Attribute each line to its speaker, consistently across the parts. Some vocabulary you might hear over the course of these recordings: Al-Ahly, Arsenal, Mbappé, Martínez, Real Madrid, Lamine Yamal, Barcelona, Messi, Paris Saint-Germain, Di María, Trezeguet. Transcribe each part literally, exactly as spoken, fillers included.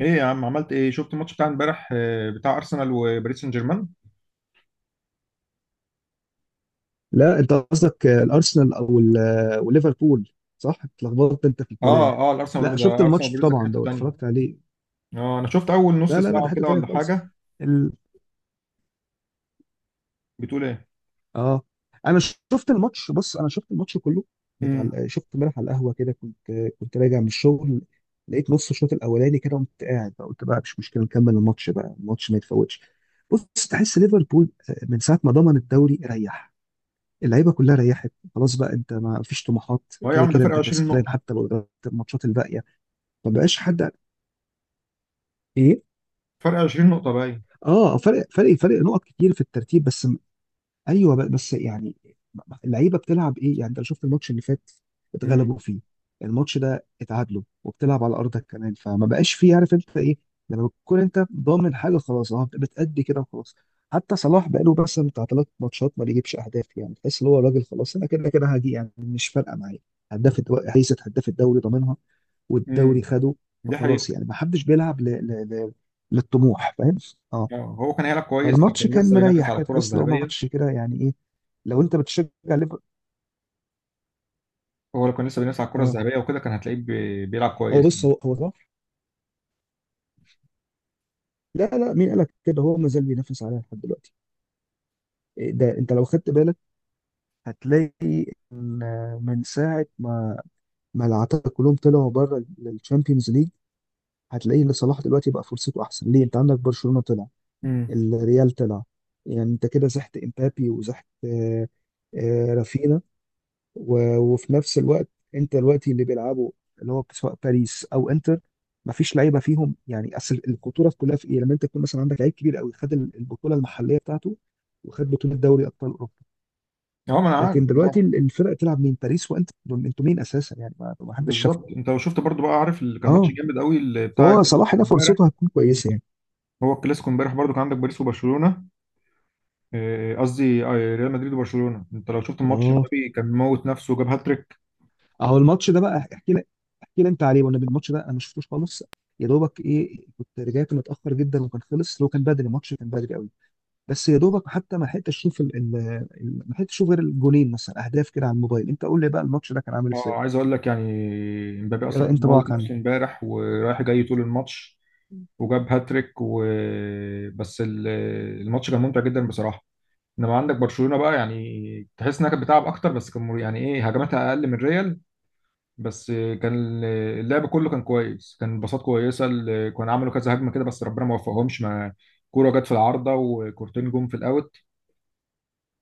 Speaker 1: ايه يا عم عملت ايه؟ شفت الماتش بتاع امبارح آه، بتاع ارسنال وباريس سان جيرمان.
Speaker 2: لا، انت قصدك الارسنال او ال- وليفربول. صح، اتلخبطت انت في الكلام.
Speaker 1: اه اه الارسنال
Speaker 2: لا،
Speaker 1: وباريس
Speaker 2: شفت
Speaker 1: ده. ارسنال
Speaker 2: الماتش
Speaker 1: وباريس ده كانت
Speaker 2: طبعا،
Speaker 1: حته
Speaker 2: ده
Speaker 1: تانيه.
Speaker 2: اتفرجت عليه.
Speaker 1: اه، انا شفت اول نص
Speaker 2: لا، لا، لا، ده
Speaker 1: ساعه
Speaker 2: حته
Speaker 1: كده
Speaker 2: تانيه
Speaker 1: ولا
Speaker 2: خالص.
Speaker 1: حاجه.
Speaker 2: ال...
Speaker 1: بتقول ايه؟
Speaker 2: اه، انا شفت الماتش، بص، انا شفت الماتش كله بتاع
Speaker 1: امم
Speaker 2: ال- شفت امبارح على القهوه كده، كنت كنت راجع من الشغل. لقيت نص الشوط الاولاني كده، قمت قاعد بقى، قلت بقى مش مشكله، نكمل الماتش بقى، الماتش ما يتفوتش. بص، تحس ليفربول، آه، من ساعه ما ضمن الدوري ريح، اللعيبه كلها ريحت خلاص بقى، انت ما فيش طموحات،
Speaker 1: هو إيه يا
Speaker 2: كده
Speaker 1: عم؟ ده
Speaker 2: كده
Speaker 1: فرق
Speaker 2: انت
Speaker 1: عشرين
Speaker 2: كسبان
Speaker 1: نقطه.
Speaker 2: حتى لو قدرت الماتشات الباقيه. ما بقاش حد. ايه.
Speaker 1: فرق عشرين نقطه باين.
Speaker 2: اه، فرق فرق فرق نقط كتير في الترتيب بس. ايوه، ب- بس يعني اللعيبه بتلعب ايه، يعني انت لو شفت الماتش اللي فات اتغلبوا
Speaker 1: امم
Speaker 2: فيه، الماتش ده اتعادلوا، وبتلعب على ارضك كمان، فما بقاش فيه، عارف انت ايه. لما بتكون انت ضامن حاجه خلاص، اه، بتأدي كده وخلاص. حتى صلاح بقاله بس بتاع ثلاث ماتشات ما بيجيبش اهداف، يعني تحس ان هو راجل خلاص، انا كده كده هجي، يعني مش فارقه معايا. هداف الدو- هيثة هداف الدوري ضامنها، والدوري
Speaker 1: امم
Speaker 2: خده.
Speaker 1: دي حقيقه.
Speaker 2: فخلاص، يعني ما حدش بيلعب ل... ل... ل... للطموح، فاهم. اه.
Speaker 1: آه، هو كان هيلعب كويس لو
Speaker 2: فالماتش
Speaker 1: كان
Speaker 2: كان
Speaker 1: لسه بينافس
Speaker 2: مريح
Speaker 1: على
Speaker 2: كده،
Speaker 1: الكره
Speaker 2: تحس لو
Speaker 1: الذهبيه.
Speaker 2: ماتش كده يعني ايه لو انت بتشجع ليفربول.
Speaker 1: هو لو كان لسه بينافس على الكره
Speaker 2: اه.
Speaker 1: الذهبيه وكده كان هتلاقيه بي- بيلعب
Speaker 2: هو،
Speaker 1: كويس
Speaker 2: بص،
Speaker 1: يعني.
Speaker 2: هو هو صح. لا، لا، مين قالك كده، هو ما زال بينافس عليها لحد دلوقتي. إيه ده، انت لو خدت بالك هتلاقي ان من ساعه ما ما العتاقة كلهم طلعوا بره الشامبيونز ليج، هتلاقي ان صلاح دلوقتي بقى فرصته احسن ليه، انت عندك برشلونه طلع،
Speaker 1: امم
Speaker 2: الريال طلع. يعني انت كده زحت امبابي، وزحت آه، آه، رافينha، و- وفي نفس الوقت، انت دلوقتي اللي بيلعبوا اللي هو سواء باريس او انتر، ما فيش لعيبه فيهم. يعني اصل الخطوره في كلها في ايه، لما انت تكون مثلا عندك لعيب كبير قوي، خد ال- البطوله المحليه بتاعته، وخد بطوله دوري ابطال اوروبا.
Speaker 1: اه، ما انا عارف،
Speaker 2: لكن
Speaker 1: انت
Speaker 2: دلوقتي
Speaker 1: عارف.
Speaker 2: ال- الفرق تلعب مين، باريس وانتر دول انتوا مين اساسا، يعني ما ما حدش
Speaker 1: بالظبط،
Speaker 2: شافكم.
Speaker 1: انت لو شفت برضو بقى عارف اللي كان ماتش
Speaker 2: اه.
Speaker 1: جامد قوي اللي بتاع
Speaker 2: فهو
Speaker 1: الكلاسيكو
Speaker 2: صلاح ده
Speaker 1: امبارح.
Speaker 2: فرصته هتكون كويسه يعني.
Speaker 1: هو الكلاسيكو امبارح برضو كان عندك باريس وبرشلونه. آه، قصدي آه، ريال مدريد وبرشلونة. انت لو شفت الماتش،
Speaker 2: اه.
Speaker 1: امبابي كان موت نفسه وجاب هاتريك.
Speaker 2: اهو الماتش ده بقى، احكي لك، احكي لي انت عليه، وانا الماتش ده انا ما شفتوش خالص. يا دوبك ايه كنت رجعت متاخر جدا وكان خلص، لو كان بدري الماتش كان بدري قوي. بس يا دوبك حتى ما لحقتش اشوف ال... ال... ال- ما لحقتش اشوف غير الجونين مثلا اهداف كده على الموبايل. انت قول لي بقى الماتش ده كان عامل
Speaker 1: اه،
Speaker 2: ازاي.
Speaker 1: عايز اقول لك يعني، امبابي
Speaker 2: إيه
Speaker 1: اصلا كان موت
Speaker 2: انطباعك عنه؟
Speaker 1: نفسه امبارح ورايح جاي طول الماتش وجاب هاتريك و... بس ال- الماتش كان ممتع جدا بصراحة. انما عندك برشلونة بقى، يعني تحس انها كانت بتلعب اكتر، بس كان مر- يعني ايه، هجماتها اقل من ريال. بس كان اللعب كله كان كويس، كان باصات كويسة، ال- كانوا عملوا كذا هجمة كده بس ربنا ما وفقهمش. ما كورة جت في العارضة وكورتين جم في الاوت.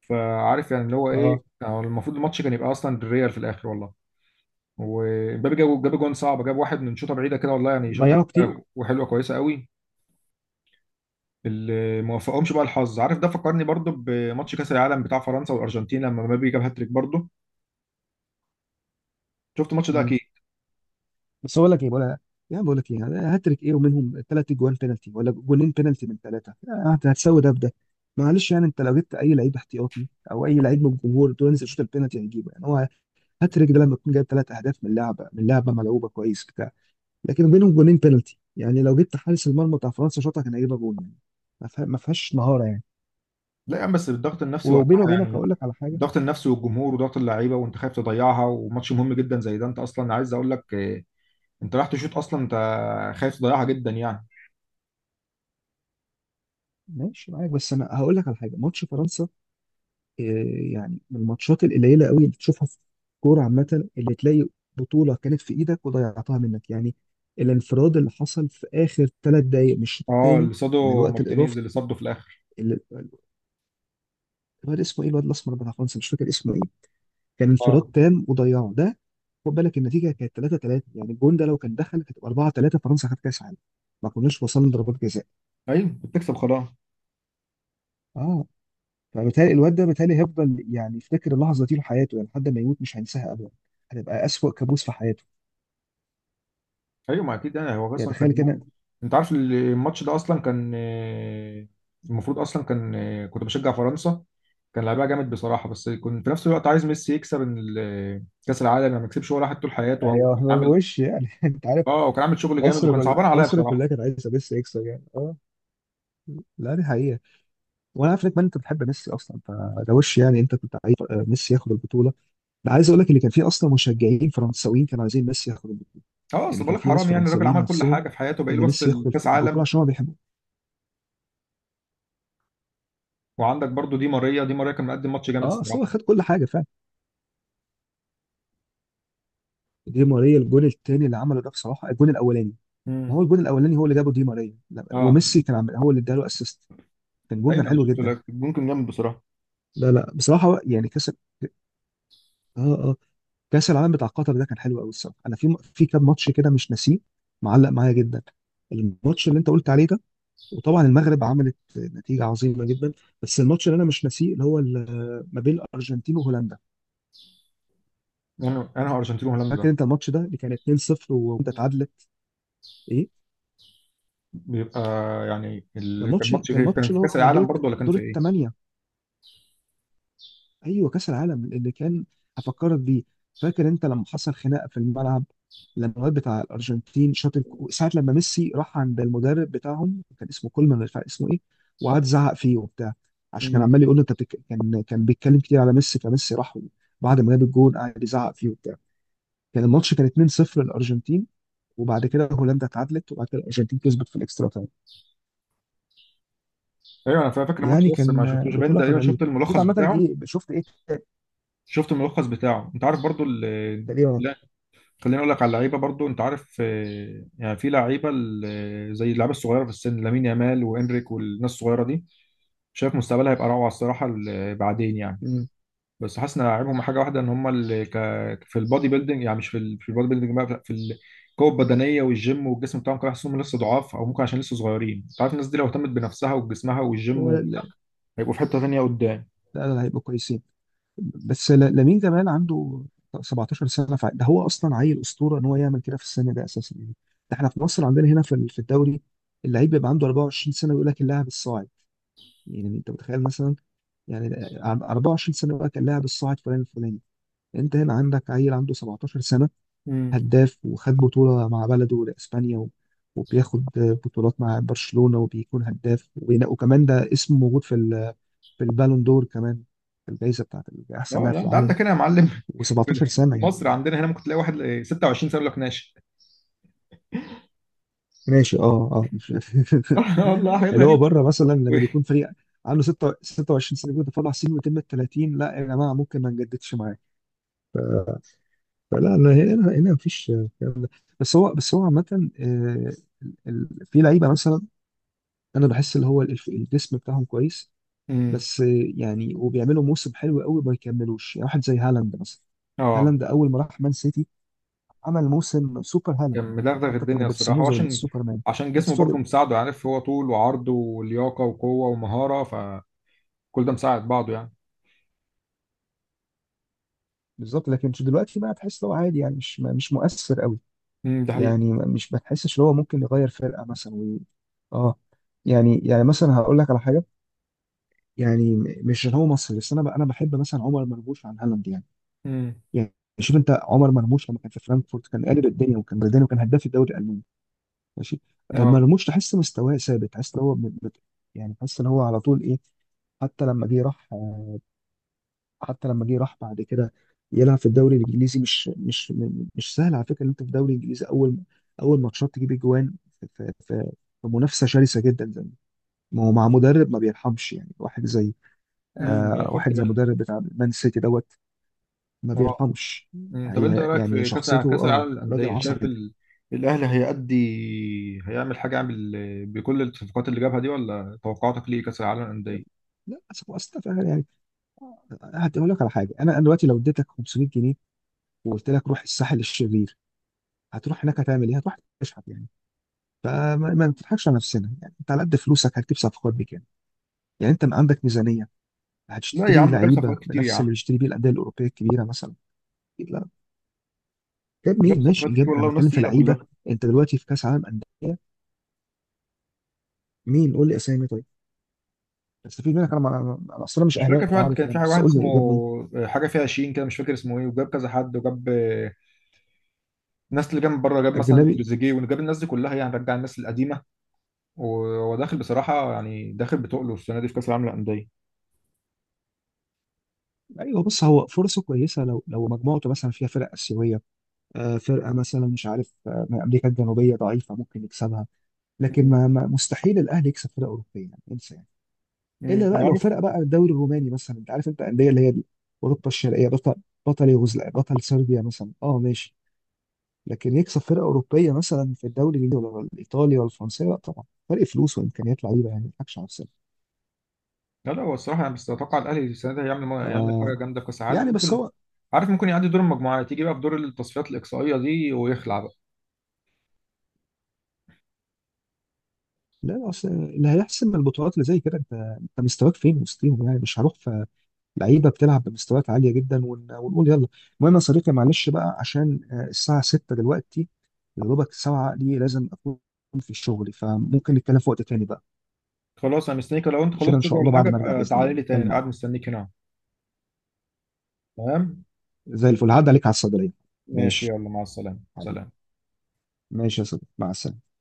Speaker 1: فعارف يعني اللي هو ايه،
Speaker 2: اه.
Speaker 1: هو المفروض الماتش كان يبقى اصلا بالريال في الاخر والله. ومبابي جاب جاب جون صعب، جاب واحد من شوطه بعيده كده والله، يعني شوطه
Speaker 2: ضيعوا كتير.
Speaker 1: كده وحلوه كويسه قوي. اللي ما وفقهمش بقى الحظ، عارف. ده فكرني برضو بماتش كاس العالم بتاع فرنسا والارجنتين لما مبابي جاب هاتريك برضو. شفت الماتش ده
Speaker 2: مم.
Speaker 1: اكيد.
Speaker 2: بس اقول لك ايه، بقول يعني، بقول لك ايه، يعني هاتريك ايه ومنهم ثلاث جوان بينالتي، ولا جونين بينالتي من ثلاثه، هت- هتساوي ده بده. معلش يعني، انت لو جبت اي لعيب احتياطي او اي لعيب من الجمهور تقول له انزل شوط البينالتي هيجيبه. يعني هو هاتريك ده لما يكون جايب ثلاث اهداف من لعبه من لعبه ملعوبه كويس. لكن بينهم جونين بينالتي، يعني لو جبت حارس المرمى بتاع فرنسا شاطها كان هيجيبها جول، يعني ما فيها- ما فيهاش مهاره يعني.
Speaker 1: لا يا عم، بس الضغط النفسي وقتها
Speaker 2: وبيني وبينك
Speaker 1: يعني.
Speaker 2: هقول لك على حاجه.
Speaker 1: الضغط النفسي والجمهور وضغط اللعيبه وانت خايف تضيعها، وماتش مهم جدا زي ده، انت اصلا عايز اقول لك إيه، انت رايح تشوط اصلا، انت خايف تضيعها جدا يعني.
Speaker 2: ماشي، معاك، بس انا هقول لك على حاجه. ماتش فرنسا إيه، يعني من الماتشات القليله قوي اللي تشوفها في الكوره عامه، اللي تلاقي بطوله كانت في ايدك وضيعتها منك. يعني الانفراد اللي حصل في اخر ثلاث دقائق من الشوط
Speaker 1: اه،
Speaker 2: الثاني،
Speaker 1: اللي
Speaker 2: من
Speaker 1: صاده
Speaker 2: الوقت
Speaker 1: مارتينيز،
Speaker 2: الاضافي،
Speaker 1: اللي صده في الاخر.
Speaker 2: اللي- الواد اسمه ايه، الواد الاسمر بتاع فرنسا، مش فاكر اسمه ايه، كان انفراد
Speaker 1: اه.
Speaker 2: تام وضيعه ده. خد بالك النتيجه كانت تلاتة تلاتة، يعني الجون ده لو كان دخل كانت اربعة تلاتة، فرنسا خدت كاس عالم، ما كناش وصلنا ضربات جزاء.
Speaker 1: ايوه، بتكسب خلاص.
Speaker 2: اه، فبالتالي الواد ده بالتالي هيفضل يعني يفتكر اللحظه دي لحياته، يعني لحد ما يموت مش هينساها ابدا، هتبقى اسوأ كابوس في حياته.
Speaker 1: ايوه، ما اكيد يعني هو
Speaker 2: يعني
Speaker 1: اصلا كان
Speaker 2: تخيل كده.
Speaker 1: يوم. انت عارف الماتش ده اصلا كان آه، المفروض اصلا كان آه، كنت بشجع فرنسا. كان لعبها جامد بصراحه، بس كنت في نفس الوقت عايز ميسي يكسب. إن ال- كاس العالم يعني ما يكسبش ولا واحد طول حياته، وهو
Speaker 2: هي
Speaker 1: كان
Speaker 2: هو
Speaker 1: عامل.
Speaker 2: وش يعني انت عارف.
Speaker 1: اه، وكان عامل شغل جامد،
Speaker 2: مصر
Speaker 1: وكان
Speaker 2: كلها،
Speaker 1: صعبان عليا
Speaker 2: مصر
Speaker 1: بصراحه.
Speaker 2: كلها كانت عايزه ميسي يكسب، يعني اه، لا دي حقيقه. وانا عارف انك ما انت بتحب ميسي اصلا، فده وش يعني، انت كنت عايز آه، ميسي ياخد البطوله. ده عايز اقول لك اللي كان فيه اصلا مشجعين فرنساويين كانوا عايزين ميسي ياخد.
Speaker 1: اه، اصل
Speaker 2: يعني
Speaker 1: بقول
Speaker 2: كان
Speaker 1: لك
Speaker 2: في ناس
Speaker 1: حرام يعني، الراجل
Speaker 2: فرنساويين
Speaker 1: عمل كل
Speaker 2: نفسهم
Speaker 1: حاجه في حياته، باقي له
Speaker 2: ان
Speaker 1: بس
Speaker 2: ميسي ياخد الف-
Speaker 1: الكاس
Speaker 2: البطوله
Speaker 1: عالم.
Speaker 2: عشان هو بيحبه.
Speaker 1: وعندك برضو دي ماريا. دي ماريا كان مقدم ماتش جامد
Speaker 2: اه، اصل هو
Speaker 1: الصراحه.
Speaker 2: خد كل حاجه فعلا. دي ماريا الجون الثاني اللي عمله ده بصراحه. الجون الاولاني، ما
Speaker 1: امم
Speaker 2: هو الجون الاولاني هو اللي جابه دي ماريا، لا،
Speaker 1: اه.
Speaker 2: وميسي كان عامل هو اللي اداله اسيست، كان جون
Speaker 1: ايوه
Speaker 2: كان
Speaker 1: انا
Speaker 2: حلو
Speaker 1: شفته
Speaker 2: جدا.
Speaker 1: لك، ممكن جامد بصراحه.
Speaker 2: لا، لا، بصراحه هو- يعني كاس ال- اه اه كاس العالم بتاع قطر ده كان حلو قوي الصراحه. انا في م- في كام ماتش كده مش ناسيه، معلق معايا جدا، الماتش اللي انت قلت عليه ده. وطبعا المغرب عملت نتيجه عظيمه جدا. بس الماتش اللي انا مش ناسيه، اللي هو ال- ما بين الارجنتين وهولندا.
Speaker 1: انا انا هو ارجنتين وهولندا.
Speaker 2: فاكر انت الماتش ده اللي كان اتنين صفر وانت اتعادلت. ايه،
Speaker 1: بيبقى يعني
Speaker 2: كان
Speaker 1: اللي كان
Speaker 2: ماتش
Speaker 1: ماتش
Speaker 2: كان
Speaker 1: غير،
Speaker 2: ماتش
Speaker 1: كان في
Speaker 2: اللي هو
Speaker 1: كاس
Speaker 2: بتاع دور
Speaker 1: العالم برضه
Speaker 2: الت-
Speaker 1: ولا كان
Speaker 2: دور
Speaker 1: في ايه؟
Speaker 2: الثمانيه، ايوه، كاس العالم اللي كان، هفكرك بيه. فاكر انت لما حصل خناقه في الملعب، لما الواد بتاع الارجنتين شاط الك- ساعه، لما ميسي راح عند المدرب بتاعهم، كان اسمه كولمان، مش عارف اسمه ايه، وقعد زعق فيه وبتاع، عشان كان
Speaker 1: مم.
Speaker 2: عمال يقول له، انت بتك... كان كان بيتكلم كتير على ميسي، فميسي راح بعد ما جاب الجون قعد يزعق فيه وبتاع. كان الماتش كان اتنين صفر للارجنتين، وبعد كده هولندا اتعادلت، وبعد كده الارجنتين كسبت في الاكسترا تايم.
Speaker 1: ايوه انا فاكر الماتش
Speaker 2: يعني
Speaker 1: ده، بس
Speaker 2: كان
Speaker 1: ما شفتوش باين،
Speaker 2: بطولة كانت
Speaker 1: تقريبا
Speaker 2: غريبة.
Speaker 1: شفت
Speaker 2: بس انت
Speaker 1: الملخص
Speaker 2: عامة
Speaker 1: بتاعه.
Speaker 2: ايه شفت، ايه ت-
Speaker 1: شفت الملخص بتاعه. انت عارف برضه ال-
Speaker 2: تقريبا.
Speaker 1: لا، خليني اقول لك على اللعيبه برضه. انت عارف آه، يعني في لعيبه ال- زي اللعيبه الصغيره في السن، لامين يامال وانريك والناس الصغيره دي، شايف مستقبلها هيبقى روعه الصراحه ال- بعدين يعني.
Speaker 2: مم.
Speaker 1: بس حاسس ان عيبهم حاجه واحده، ان هم اللي ك... في البادي بيلدينج، يعني مش في ال... في البادي بيلدينج بقى، في القوه البدنيه والجيم والجسم بتاعهم كده، حاسسهم لسه ضعاف، او ممكن عشان لسه صغيرين. انت عارف الناس دي لو اهتمت بنفسها وجسمها والجيم
Speaker 2: هو،
Speaker 1: و...
Speaker 2: لا،
Speaker 1: هيبقوا في حته ثانيه قدام.
Speaker 2: لا، لا، هيبقوا كويسين. بس ل- لامين جمال عنده سبعتاشر سنة، فع- ده هو أصلا عيل أسطورة إن هو يعمل كده في السن ده أساسا، يعني ده احنا في مصر عندنا هنا في ال- في الدوري اللعيب بيبقى عنده اربعة وعشرين سنة ويقول لك اللاعب الصاعد، يعني أنت متخيل مثلا، يعني أربع وعشرون سنة يقول لك اللاعب الصاعد فلان الفلاني. أنت هنا عندك عيل عنده سبعتاشر سنة
Speaker 1: امم
Speaker 2: هداف، وخد بطولة مع بلده لإسبانيا، و- وبياخد بطولات مع برشلونة، وبيكون هداف، وبينا- وكمان ده اسمه موجود في ال- في البالون دور كمان، في الجائزة بتاعت أحسن
Speaker 1: اه،
Speaker 2: لاعب
Speaker 1: لا
Speaker 2: في
Speaker 1: انت
Speaker 2: العالم.
Speaker 1: عندك هنا يا معلم.
Speaker 2: و17 سنة،
Speaker 1: في
Speaker 2: يعني
Speaker 1: مصر
Speaker 2: ده.
Speaker 1: عندنا هنا ممكن تلاقي واحد ستة وعشرين سنه يقول لك ناشئ.
Speaker 2: ماشي، اه، اه، مش-
Speaker 1: والله حاجات
Speaker 2: اللي هو
Speaker 1: غريبة.
Speaker 2: بره مثلا لما بيكون فريق عنده ستة ستة وعشرين سنة بيقول ده طلع سنه يتم ال تلاتين، لا يا جماعة ممكن ما نجددش معاه. فلا أنا هنا هنا مفيش كلام. بس هو بس هو عامة، آه، ال- ال- في لعيبة مثلا انا بحس اللي هو الف- الجسم بتاعهم كويس
Speaker 1: امم
Speaker 2: بس، يعني، وبيعملوا موسم حلو قوي ما يكملوش، يعني واحد زي هالاند مثلا.
Speaker 1: اه،
Speaker 2: هالاند اول ما راح مان سيتي عمل موسم سوبر هالاند،
Speaker 1: كان
Speaker 2: يعني
Speaker 1: مدغدغ
Speaker 2: حتى كانوا
Speaker 1: الدنيا
Speaker 2: بيرسموه
Speaker 1: الصراحه،
Speaker 2: زي
Speaker 1: وعشان
Speaker 2: السوبرمان
Speaker 1: عشان
Speaker 2: بس.
Speaker 1: جسمه برضه
Speaker 2: فضل
Speaker 1: مساعده، عارف، هو طول وعرض ولياقه وقوه ومهاره، فكل ده مساعد بعضه يعني.
Speaker 2: بالظبط. لكن دلوقتي بقى تحس ان هو عادي، يعني مش مش مؤثر قوي.
Speaker 1: امم ده حقيقة.
Speaker 2: يعني مش بتحسش ان هو ممكن يغير فرقه مثلا و... اه، يعني يعني مثلا هقول لك على حاجه. يعني م- مش إن هو مصري بس، انا ب... انا بحب مثلا عمر مرموش عن هالاند، يعني
Speaker 1: امم
Speaker 2: يعني شوف انت عمر مرموش لما كان في فرانكفورت كان قالب الدنيا وكان بلداني وكان هداف الدوري الالماني، ماشي، آه،
Speaker 1: اه.
Speaker 2: مرموش تحس مستواه ثابت، تحس ان هو ب- ب- يعني تحس ان هو على طول ايه. حتى لما جه راح، آه، حتى لما جه راح بعد كده يلعب في الدوري الانجليزي، مش مش م- مش سهل على فكره ان انت في الدوري الانجليزي، اول اول ماتشات تجيب اجوان في في في في منافسه شرسه جدا زي ما هو مع مدرب ما بيرحمش، يعني واحد زي
Speaker 1: امم انا
Speaker 2: آه
Speaker 1: خدت
Speaker 2: واحد زي
Speaker 1: بالي.
Speaker 2: مدرب بتاع مان سيتي دوت، ما
Speaker 1: اه.
Speaker 2: بيرحمش.
Speaker 1: امم، طب انت إيه
Speaker 2: هي
Speaker 1: رايك
Speaker 2: يعني
Speaker 1: في كاس
Speaker 2: شخصيته،
Speaker 1: كاس
Speaker 2: اه،
Speaker 1: العالم
Speaker 2: راجل
Speaker 1: للانديه؟ شايف
Speaker 2: عصبي جدا.
Speaker 1: ال... الاهلي هيأدي، هيعمل حاجه؟ يعمل بكل الصفقات اللي جابها دي ولا توقعاتك ليه كاس العالم للانديه؟
Speaker 2: لا، أصل- أصل- يعني هقول لك على حاجه. انا أنا دلوقتي لو اديتك خمسمية جنيه وقلت لك روح الساحل الشرير هتروح هناك هتعمل ايه، هتروح تشحت يعني. فما ما نضحكش على نفسنا، يعني انت على قد فلوسك هتجيب صفقات بكام، يعني انت ما عندك ميزانيه
Speaker 1: لا يا
Speaker 2: هتشتري
Speaker 1: عم، جاب
Speaker 2: لعيبه
Speaker 1: صفقات كتير يا
Speaker 2: بنفس اللي
Speaker 1: عم.
Speaker 2: بيشتري بيه الانديه الاوروبيه الكبيره مثلا. أكيد لا، جاب
Speaker 1: جاب
Speaker 2: مين، ماشي
Speaker 1: صفقات كتير
Speaker 2: جاب، انا
Speaker 1: والله، وناس
Speaker 2: بتكلم في
Speaker 1: تقيله
Speaker 2: لعيبه.
Speaker 1: كلها.
Speaker 2: انت دلوقتي في كاس عالم انديه، مين، قول لي اسامي طيب استفيد منك، انا ما- انا اصلا مش
Speaker 1: مش
Speaker 2: اهلاوي،
Speaker 1: فاكر، في
Speaker 2: أنت
Speaker 1: واحد
Speaker 2: عارف
Speaker 1: كان في
Speaker 2: يعني، بس
Speaker 1: واحد
Speaker 2: قول
Speaker 1: اسمه
Speaker 2: لي جاب مين،
Speaker 1: آه، حاجه فيها عشرين كده، مش فاكر اسمه ايه، وجاب كذا حد، وجاب آه، الناس اللي جاب من بره، جاب مثلا
Speaker 2: اجنبي.
Speaker 1: تريزيجيه، وجاب الناس دي كلها يعني، رجع الناس القديمه. وهو داخل بصراحه، يعني داخل بتقله السنه دي في كاس العالم للانديه.
Speaker 2: ايوه، بص هو فرصه كويسه لو لو مجموعته مثلا فيها فرق اسيويه، آه، فرقه مثلا مش عارف، آه، من امريكا الجنوبيه ضعيفه ممكن يكسبها. لكن ما ما- مستحيل الاهلي يكسب فرقه اوروبيه، يعني انسى. يعني
Speaker 1: مم.
Speaker 2: الا بقى لو
Speaker 1: معروف.
Speaker 2: فرقه بقى الدوري الروماني مثلا، انت عارف انت الانديه اللي هي دي، اوروبا الشرقيه، بطل بطل يوغوسلافيا، بطل صربيا مثلا، اه ماشي. لكن يكسب فرقه اوروبيه مثلا في الدوري الانجليزي ولا الايطالي ولا الفرنسي، لا طبعا، فرق فلوس وامكانيات لعيبه، يعني ما نضحكش على نفسنا.
Speaker 1: لا لا، هو الصراحه انا بس اتوقع الاهلي السنه دي هيعمل هيعمل حاجه
Speaker 2: ف،
Speaker 1: جامده، كاس عالم
Speaker 2: يعني، بس
Speaker 1: ممكن.
Speaker 2: هو.
Speaker 1: عارف، ممكن يعدي دور المجموعات، يجي بقى في دور التصفيات الاقصائيه دي ويخلع بقى.
Speaker 2: لا، لا، اصل اللي هيحسم البطولات اللي زي كده، انت انت مستواك فين وسطيهم، يعني مش هروح في لعيبه بتلعب بمستويات عاليه جدا، ون- ونقول يلا. المهم يا صديقي، معلش بقى عشان، آه، الساعه ستة دلوقتي، يا دوبك الساعه دي لازم اكون في شغلي، فممكن نتكلم في وقت تاني بقى.
Speaker 1: خلاص، انا مستنيك. لو انت
Speaker 2: عشان ان
Speaker 1: خلصت شغل
Speaker 2: شاء الله
Speaker 1: ولا حاجه
Speaker 2: بعد ما ارجع
Speaker 1: ابقى
Speaker 2: باذن الله
Speaker 1: تعالى لي
Speaker 2: نتكلم
Speaker 1: تاني،
Speaker 2: مع
Speaker 1: قاعد
Speaker 2: بعض.
Speaker 1: مستنيك هنا. تمام.
Speaker 2: زي الفل، هعدي عليك على الصيدليه.
Speaker 1: ماشي،
Speaker 2: ماشي،
Speaker 1: يلا مع السلامه،
Speaker 2: حبيبي.
Speaker 1: سلام.
Speaker 2: ماشي يا صديقي، مع السلامه.